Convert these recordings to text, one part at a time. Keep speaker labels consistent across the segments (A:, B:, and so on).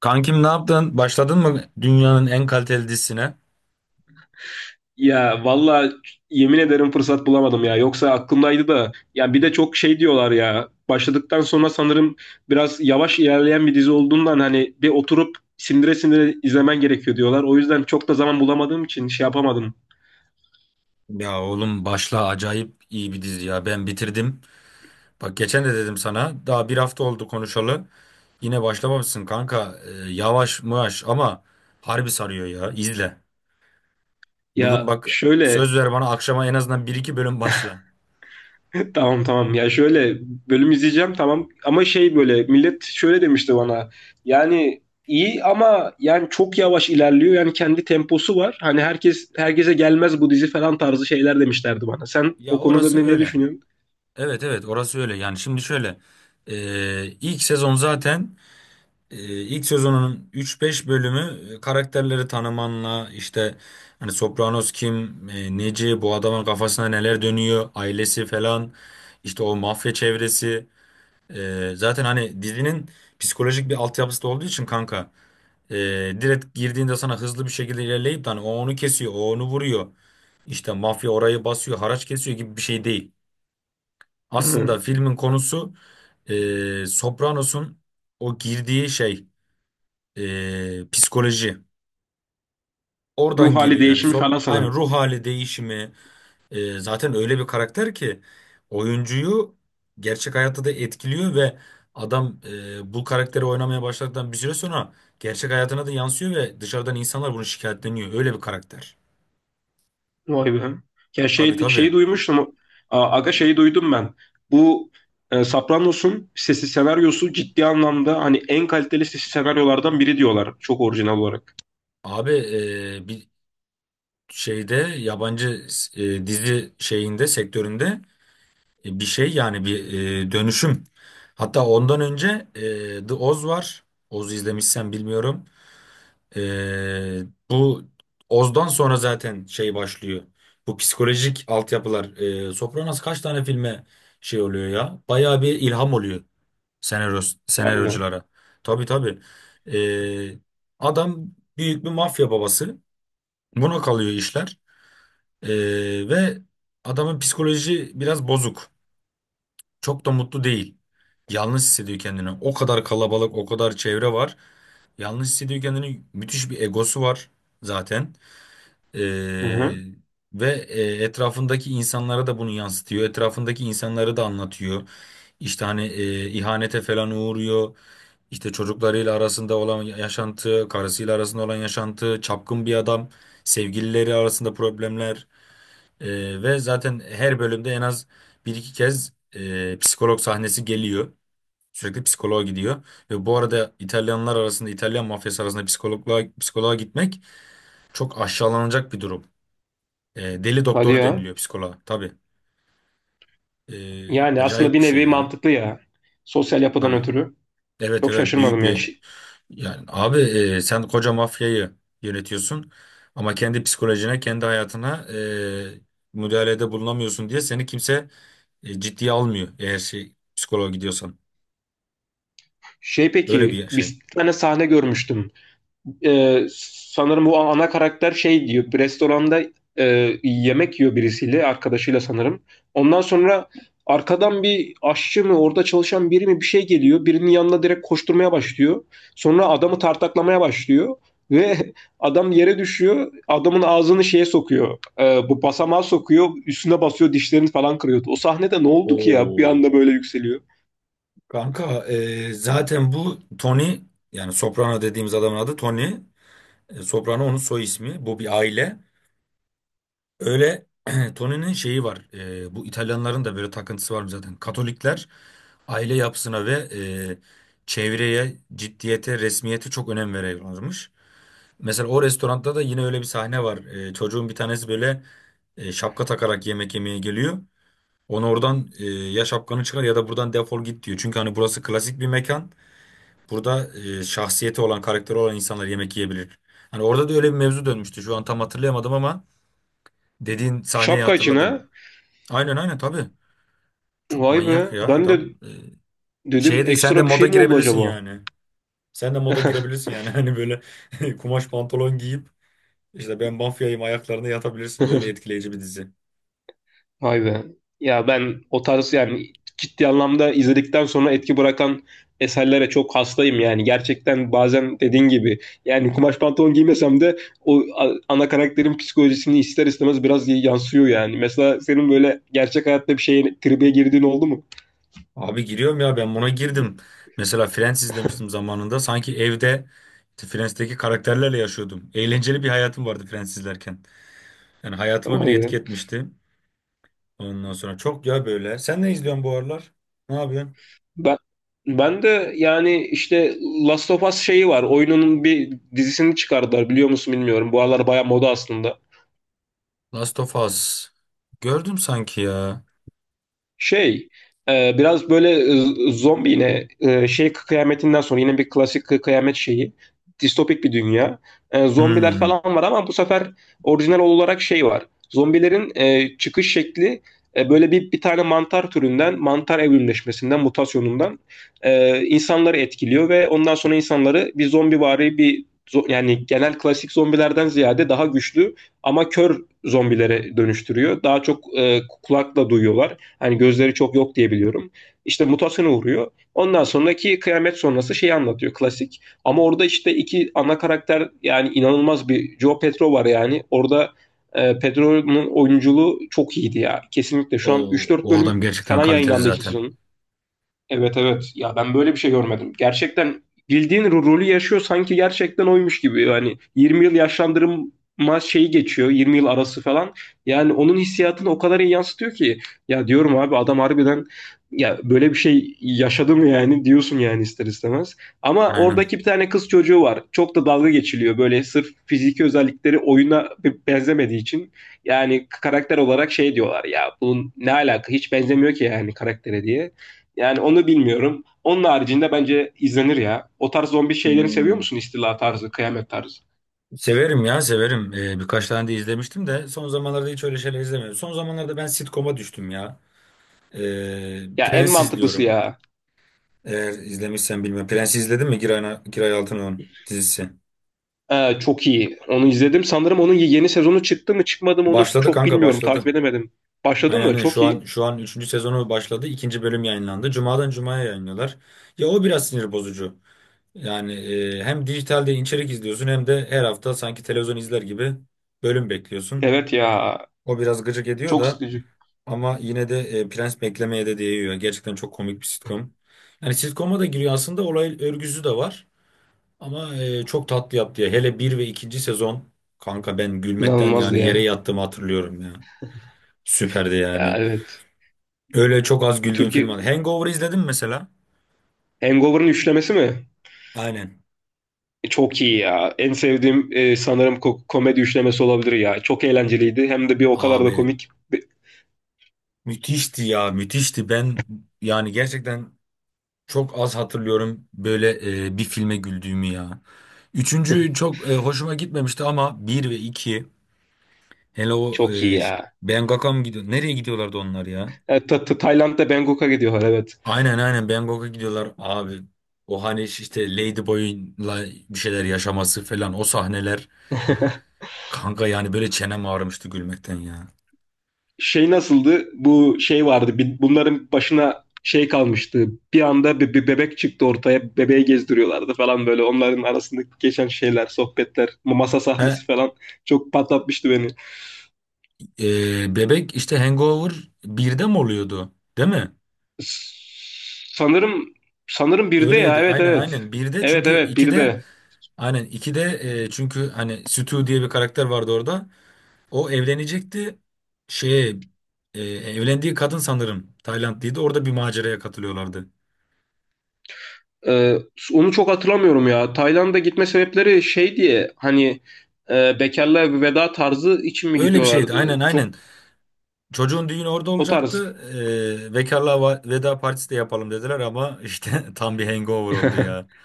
A: Kankim ne yaptın? Başladın mı dünyanın en kaliteli dizisine?
B: Ya valla yemin ederim fırsat bulamadım ya. Yoksa aklımdaydı da. Ya bir de çok şey diyorlar ya. Başladıktan sonra sanırım biraz yavaş ilerleyen bir dizi olduğundan hani bir oturup sindire sindire izlemen gerekiyor diyorlar. O yüzden çok da zaman bulamadığım için şey yapamadım.
A: Ya oğlum başla, acayip iyi bir dizi ya. Ben bitirdim. Bak geçen de dedim sana, daha bir hafta oldu konuşalı. Yine başlamamışsın kanka. Yavaş mıvaş ama harbi sarıyor ya. İzle. Bugün
B: Ya
A: bak,
B: şöyle.
A: söz ver bana, akşama en azından bir iki bölüm başla.
B: Tamam, ya şöyle bölüm izleyeceğim, tamam, ama şey böyle millet şöyle demişti bana, yani iyi ama yani çok yavaş ilerliyor, yani kendi temposu var, hani herkes herkese gelmez bu dizi falan tarzı şeyler demişlerdi bana. Sen
A: Ya
B: o konuda
A: orası
B: ne
A: öyle.
B: düşünüyorsun?
A: Evet, evet, orası öyle. Yani şimdi şöyle. İlk sezon zaten, Ee, ilk sezonunun 3-5 bölümü karakterleri tanımanla işte, hani Sopranos kim, neci, bu adamın kafasında neler dönüyor, ailesi falan, işte o mafya çevresi. Zaten hani dizinin psikolojik bir altyapısı da olduğu için kanka, e, direkt girdiğinde sana hızlı bir şekilde ilerleyip de hani o onu kesiyor, o onu vuruyor. İşte mafya orayı basıyor, haraç kesiyor gibi bir şey değil. Aslında
B: Hı.
A: filmin konusu, Sopranos'un o girdiği şey, psikoloji.
B: Ruh
A: Oradan
B: hali
A: geliyor yani.
B: değişimi falan
A: Aynen,
B: sanırım.
A: ruh hali değişimi. Zaten öyle bir karakter ki, oyuncuyu gerçek hayatta da etkiliyor ve adam, bu karakteri oynamaya başladıktan bir süre sonra gerçek hayatına da yansıyor ve dışarıdan insanlar bunu şikayetleniyor. Öyle bir karakter.
B: Vay be. Ya
A: Tabii,
B: şeyi
A: tabii.
B: duymuştum. Aga şeyi duydum ben, bu Sopranos'un sesi senaryosu ciddi anlamda hani en kaliteli sesi senaryolardan biri diyorlar, çok orijinal olarak.
A: Abi, bir şeyde, yabancı dizi şeyinde, sektöründe, bir şey yani bir dönüşüm. Hatta ondan önce The Oz var. Oz'u izlemişsen bilmiyorum. E, Bu Oz'dan sonra zaten şey başlıyor. Bu psikolojik altyapılar. Sopranos kaç tane filme şey oluyor ya? Bayağı bir ilham oluyor senaryo,
B: Vay be.
A: senaryoculara. Tabii, tabii. E, Adam büyük bir mafya babası. Buna kalıyor işler. E, ve adamın psikoloji biraz bozuk. Çok da mutlu değil. Yalnız hissediyor kendini. O kadar kalabalık, o kadar çevre var. Yalnız hissediyor kendini. Müthiş bir egosu var zaten.
B: Hı
A: Ee,
B: hı.
A: ve etrafındaki insanlara da bunu yansıtıyor. Etrafındaki insanları da anlatıyor. İşte hani ihanete falan uğruyor. İşte çocuklarıyla arasında olan yaşantı, karısıyla arasında olan yaşantı, çapkın bir adam, sevgilileri arasında problemler. Ve zaten her bölümde en az bir iki kez psikolog sahnesi geliyor. Sürekli psikoloğa gidiyor. Ve bu arada İtalyanlar arasında, İtalyan mafyası arasında psikoloğa, psikoloğa gitmek çok aşağılanacak bir durum. Deli
B: Hadi
A: doktoru
B: ya.
A: deniliyor psikoloğa. Tabii.
B: Yani aslında
A: Acayip
B: bir
A: bir şey
B: nevi
A: ya.
B: mantıklı ya. Sosyal yapıdan
A: Tabii.
B: ötürü.
A: Evet,
B: Çok
A: evet, büyük
B: şaşırmadım ya.
A: bir yani, abi, sen koca mafyayı yönetiyorsun ama kendi psikolojine, kendi hayatına e, müdahalede bulunamıyorsun diye, seni kimse ciddiye almıyor eğer şey psikoloğa gidiyorsan.
B: Şey,
A: Öyle
B: peki,
A: bir şey.
B: bir tane sahne görmüştüm. Sanırım bu ana karakter şey diyor. Bir restoranda yemek yiyor birisiyle, arkadaşıyla sanırım. Ondan sonra arkadan bir aşçı mı, orada çalışan biri mi bir şey geliyor. Birinin yanına direkt koşturmaya başlıyor. Sonra adamı tartaklamaya başlıyor. Ve adam yere düşüyor. Adamın ağzını şeye sokuyor. Bu basamağa sokuyor. Üstüne basıyor. Dişlerini falan kırıyordu. O sahnede ne oldu ki ya? Bir anda
A: Oo.
B: böyle yükseliyor.
A: Kanka, zaten bu Tony, yani Soprano dediğimiz adamın adı Tony. Soprano onun soy ismi. Bu bir aile. Öyle Tony'nin şeyi var. Bu İtalyanların da böyle takıntısı var zaten. Katolikler aile yapısına ve e, çevreye, ciddiyete, resmiyete çok önem veriyorlarmış. Mesela o restoranda da yine öyle bir sahne var. Çocuğun bir tanesi böyle şapka takarak yemek yemeye geliyor. Onu oradan, ya şapkanı çıkar ya da buradan defol git, diyor. Çünkü hani burası klasik bir mekan. Burada şahsiyeti olan, karakteri olan insanlar yemek yiyebilir. Hani orada da öyle bir mevzu dönmüştü. Şu an tam hatırlayamadım ama dediğin sahneyi
B: Şapka içine.
A: hatırladım. Aynen, aynen, tabii. Çok
B: Vay
A: manyak
B: be.
A: ya
B: Ben de
A: adam.
B: dedim,
A: Şeye de, sen de
B: ekstra bir şey
A: moda
B: mi oldu
A: girebilirsin
B: acaba?
A: yani. Sen de moda girebilirsin yani. Hani böyle kumaş pantolon giyip işte, ben mafyayım ayaklarına yatabilirsin. Öyle etkileyici bir dizi.
B: Vay be. Ya ben o tarz, yani ciddi anlamda izledikten sonra etki bırakan eserlere çok hastayım yani. Gerçekten bazen dediğin gibi, yani kumaş pantolon giymesem de o ana karakterin psikolojisini ister istemez biraz yansıyor yani. Mesela senin böyle gerçek hayatta bir şeye tribe girdiğin oldu mu?
A: Abi giriyorum ya, ben buna girdim. Mesela Friends izlemiştim zamanında. Sanki evde işte Friends'teki karakterlerle yaşıyordum. Eğlenceli bir hayatım vardı Friends izlerken. Yani hayatıma bile
B: Vay
A: etki
B: be.
A: etmişti. Ondan sonra çok ya böyle. Sen ne izliyorsun bu aralar? Ne yapıyorsun?
B: Ben ben de yani işte Last of Us şeyi var. Oyununun bir dizisini çıkardılar, biliyor musun bilmiyorum. Bu aralar baya moda aslında.
A: Last of Us. Gördüm sanki ya.
B: Şey, biraz böyle zombi yine, şey kıyametinden sonra yine bir klasik kıyamet şeyi. Distopik bir dünya. Zombiler
A: Hmm.
B: falan var ama bu sefer orijinal olarak şey var. Zombilerin çıkış şekli, böyle bir tane mantar türünden, mantar evrimleşmesinden, mutasyonundan insanları etkiliyor ve ondan sonra insanları bir zombivari bir yani genel klasik zombilerden ziyade daha güçlü ama kör zombilere dönüştürüyor. Daha çok kulakla duyuyorlar. Hani gözleri çok yok diye biliyorum. İşte mutasyona uğruyor. Ondan sonraki kıyamet sonrası şeyi anlatıyor klasik. Ama orada işte iki ana karakter, yani inanılmaz bir Joe Petro var yani. Orada Pedro'nun oyunculuğu çok iyiydi ya. Kesinlikle şu an üç
A: O,
B: dört
A: o adam
B: bölüm
A: gerçekten
B: falan
A: kaliteli
B: yayınlandı ikinci
A: zaten.
B: sezonun. Evet evet. Ya ben böyle bir şey görmedim. Gerçekten bildiğin rolü yaşıyor, sanki gerçekten oymuş gibi. Yani 20 yıl yaşlandırma şeyi geçiyor. 20 yıl arası falan. Yani onun hissiyatını o kadar iyi yansıtıyor ki. Ya diyorum, abi adam harbiden ya böyle bir şey yaşadı mı, yani diyorsun yani ister istemez. Ama
A: Aynen.
B: oradaki bir tane kız çocuğu var. Çok da dalga geçiliyor böyle, sırf fiziki özellikleri oyuna benzemediği için. Yani karakter olarak şey diyorlar ya, bunun ne alaka, hiç benzemiyor ki yani karaktere diye. Yani onu bilmiyorum. Onun haricinde bence izlenir ya. O tarz zombi şeylerini seviyor
A: Hmm.
B: musun? İstila tarzı, kıyamet tarzı.
A: Severim ya, severim. Birkaç tane de izlemiştim de son zamanlarda hiç öyle şeyler izlemiyorum. Son zamanlarda ben sitcom'a düştüm ya.
B: Ya en
A: Prens
B: mantıklısı
A: izliyorum.
B: ya.
A: Eğer izlemişsen bilmiyorum. Prens izledin mi, Giray Altınok'un dizisi?
B: Çok iyi. Onu izledim. Sanırım onun yeni sezonu çıktı mı çıkmadı mı onu
A: Başladı
B: çok
A: kanka,
B: bilmiyorum.
A: başladı.
B: Takip edemedim. Başladın
A: Aynen,
B: mı?
A: aynen.
B: Çok
A: şu an
B: iyi.
A: şu an üçüncü sezonu başladı. İkinci bölüm yayınlandı. Cuma'dan Cuma'ya yayınlıyorlar. Ya o biraz sinir bozucu. Yani hem dijitalde içerik izliyorsun, hem de her hafta sanki televizyon izler gibi bölüm bekliyorsun.
B: Evet ya.
A: O biraz gıcık ediyor
B: Çok
A: da,
B: sıkıcı.
A: ama yine de Prens beklemeye de değiyor. Gerçekten çok komik bir sitcom. Yani sitcom'a da giriyor, aslında olay örgüsü de var. Ama çok tatlı yaptı ya. Hele bir ve ikinci sezon kanka, ben gülmekten
B: İnanılmazdı
A: yani yere
B: ya.
A: yattığımı hatırlıyorum ya. Süperdi
B: Ya
A: yani.
B: evet.
A: Öyle çok az güldüğüm film
B: Türkiye
A: var. Hangover izledim mesela?
B: Hangover'ın üçlemesi mi?
A: Aynen.
B: Çok iyi ya. En sevdiğim, sanırım komedi üçlemesi olabilir ya. Çok eğlenceliydi. Hem de bir o kadar da
A: Abi
B: komik.
A: müthişti ya, müthişti. Ben yani gerçekten çok az hatırlıyorum böyle bir filme güldüğümü ya. Üçüncü çok hoşuma gitmemişti ama bir ve iki. Hele o
B: Çok iyi ya.
A: Bangkok'a mı gidiyor? Nereye gidiyorlardı onlar ya?
B: Evet, Tayland'da Bangkok'a gidiyorlar, evet.
A: Aynen, aynen, Bangkok'a gidiyorlar abi. O hani işte Ladyboy'la bir şeyler yaşaması falan, o sahneler. Kanka yani böyle çenem ağrımıştı gülmekten ya.
B: Şey nasıldı? Bu şey vardı. Bunların başına şey kalmıştı. Bir anda bir bebek çıktı ortaya. Bebeği gezdiriyorlardı falan böyle. Onların arasındaki geçen şeyler, sohbetler, masa
A: He,
B: sahnesi falan çok patlatmıştı beni.
A: Bebek işte, Hangover birde mi oluyordu? Değil mi?
B: S- Sanırım sanırım bir de, ya
A: Öyleydi.
B: evet
A: Aynen,
B: evet.
A: aynen. Birde
B: Evet
A: çünkü
B: evet bir
A: 2'de,
B: de.
A: aynen 2'de, çünkü hani Stu diye bir karakter vardı orada. O evlenecekti. Şeye, evlendiği kadın sanırım Taylandlıydı. Orada bir maceraya katılıyorlardı.
B: Ee, Onu çok hatırlamıyorum ya. Tayland'a gitme sebepleri şey diye, hani bekarlığa veda tarzı için mi
A: Öyle bir şeydi.
B: gidiyorlardı?
A: Aynen,
B: Çok.
A: aynen. Çocuğun düğünü orada
B: O tarz.
A: olacaktı. Bekarlığa veda partisi de yapalım dediler, ama işte tam bir hangover oldu ya.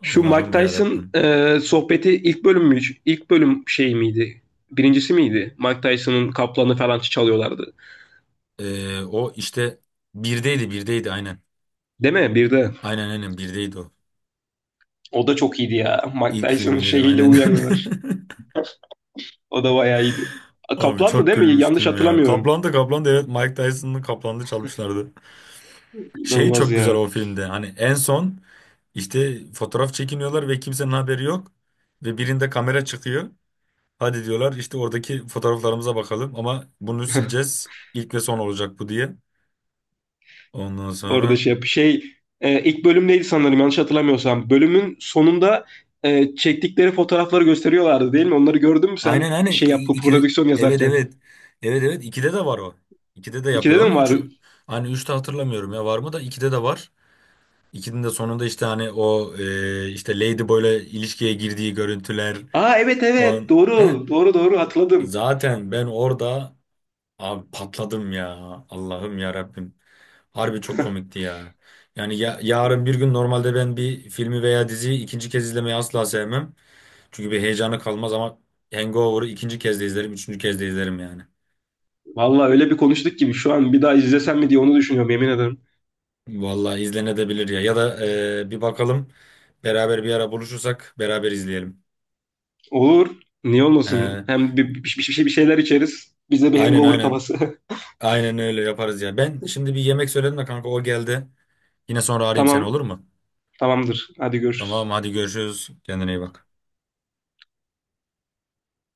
B: Şu Mike
A: Allah'ım ya
B: Tyson
A: Rabbim.
B: sohbeti ilk bölüm mü? İlk bölüm şey miydi? Birincisi miydi? Mike Tyson'ın kaplanı falan çalıyorlardı.
A: O işte birdeydi, birdeydi, aynen.
B: Değil mi? Bir de.
A: Aynen, aynen, birdeydi o.
B: O da çok iyiydi ya. Mike
A: İlk
B: Tyson'ın
A: filminde de
B: şeyiyle
A: aynen.
B: uyanıyorlar. O da bayağı iyiydi.
A: Abi
B: Kaplandı
A: çok
B: değil mi? Yanlış
A: gülmüştüm ya.
B: hatırlamıyorum.
A: Kaplan da, Kaplan da, evet, Mike Tyson'ın Kaplan'da çalmışlardı. Şey
B: İnanılmaz
A: çok güzel
B: ya.
A: o filmde. Hani en son işte fotoğraf çekiniyorlar ve kimsenin haberi yok. Ve birinde kamera çıkıyor. Hadi diyorlar işte, oradaki fotoğraflarımıza bakalım ama bunu sileceğiz. İlk ve son olacak bu diye. Ondan
B: Orada
A: sonra,
B: şey, ilk bölüm neydi sanırım, yanlış hatırlamıyorsam. Bölümün sonunda çektikleri fotoğrafları gösteriyorlardı değil mi? Onları gördün mü sen
A: aynen, aynen.
B: şey yap
A: İkide,
B: prodüksiyon
A: evet,
B: yazarken?
A: evet. Evet, evet. İkide de var o. İkide de
B: İkide
A: yapıyorlar
B: de mi
A: onu.
B: var?
A: Hani üçte hatırlamıyorum ya var mı, da ikide de var. İkinin de sonunda işte, hani o işte Ladyboy'la ilişkiye girdiği görüntüler.
B: Aa evet evet,
A: Heh.
B: doğru doğru doğru hatırladım.
A: Zaten ben orada abi patladım ya. Allah'ım ya Rabbim. Harbi çok komikti ya. Yani ya, yarın bir gün normalde ben bir filmi veya diziyi ikinci kez izlemeyi asla sevmem. Çünkü bir heyecanı kalmaz, ama Hangover'ı ikinci kez de izlerim, üçüncü kez de izlerim yani.
B: Vallahi öyle bir konuştuk gibi, şu an bir daha izlesem mi diye onu düşünüyorum, yemin ederim.
A: Vallahi izlenebilir ya. Ya da bir bakalım, beraber bir ara buluşursak beraber izleyelim.
B: Olur. Niye olmasın?
A: E,
B: Hem bir şeyler içeriz. Bize bir
A: aynen,
B: hangover
A: aynen.
B: kafası.
A: Aynen öyle yaparız ya. Ben şimdi bir yemek söyledim de kanka, o geldi. Yine sonra arayayım seni,
B: Tamam.
A: olur mu?
B: Tamamdır. Hadi
A: Tamam,
B: görüşürüz.
A: hadi görüşürüz. Kendine iyi bak.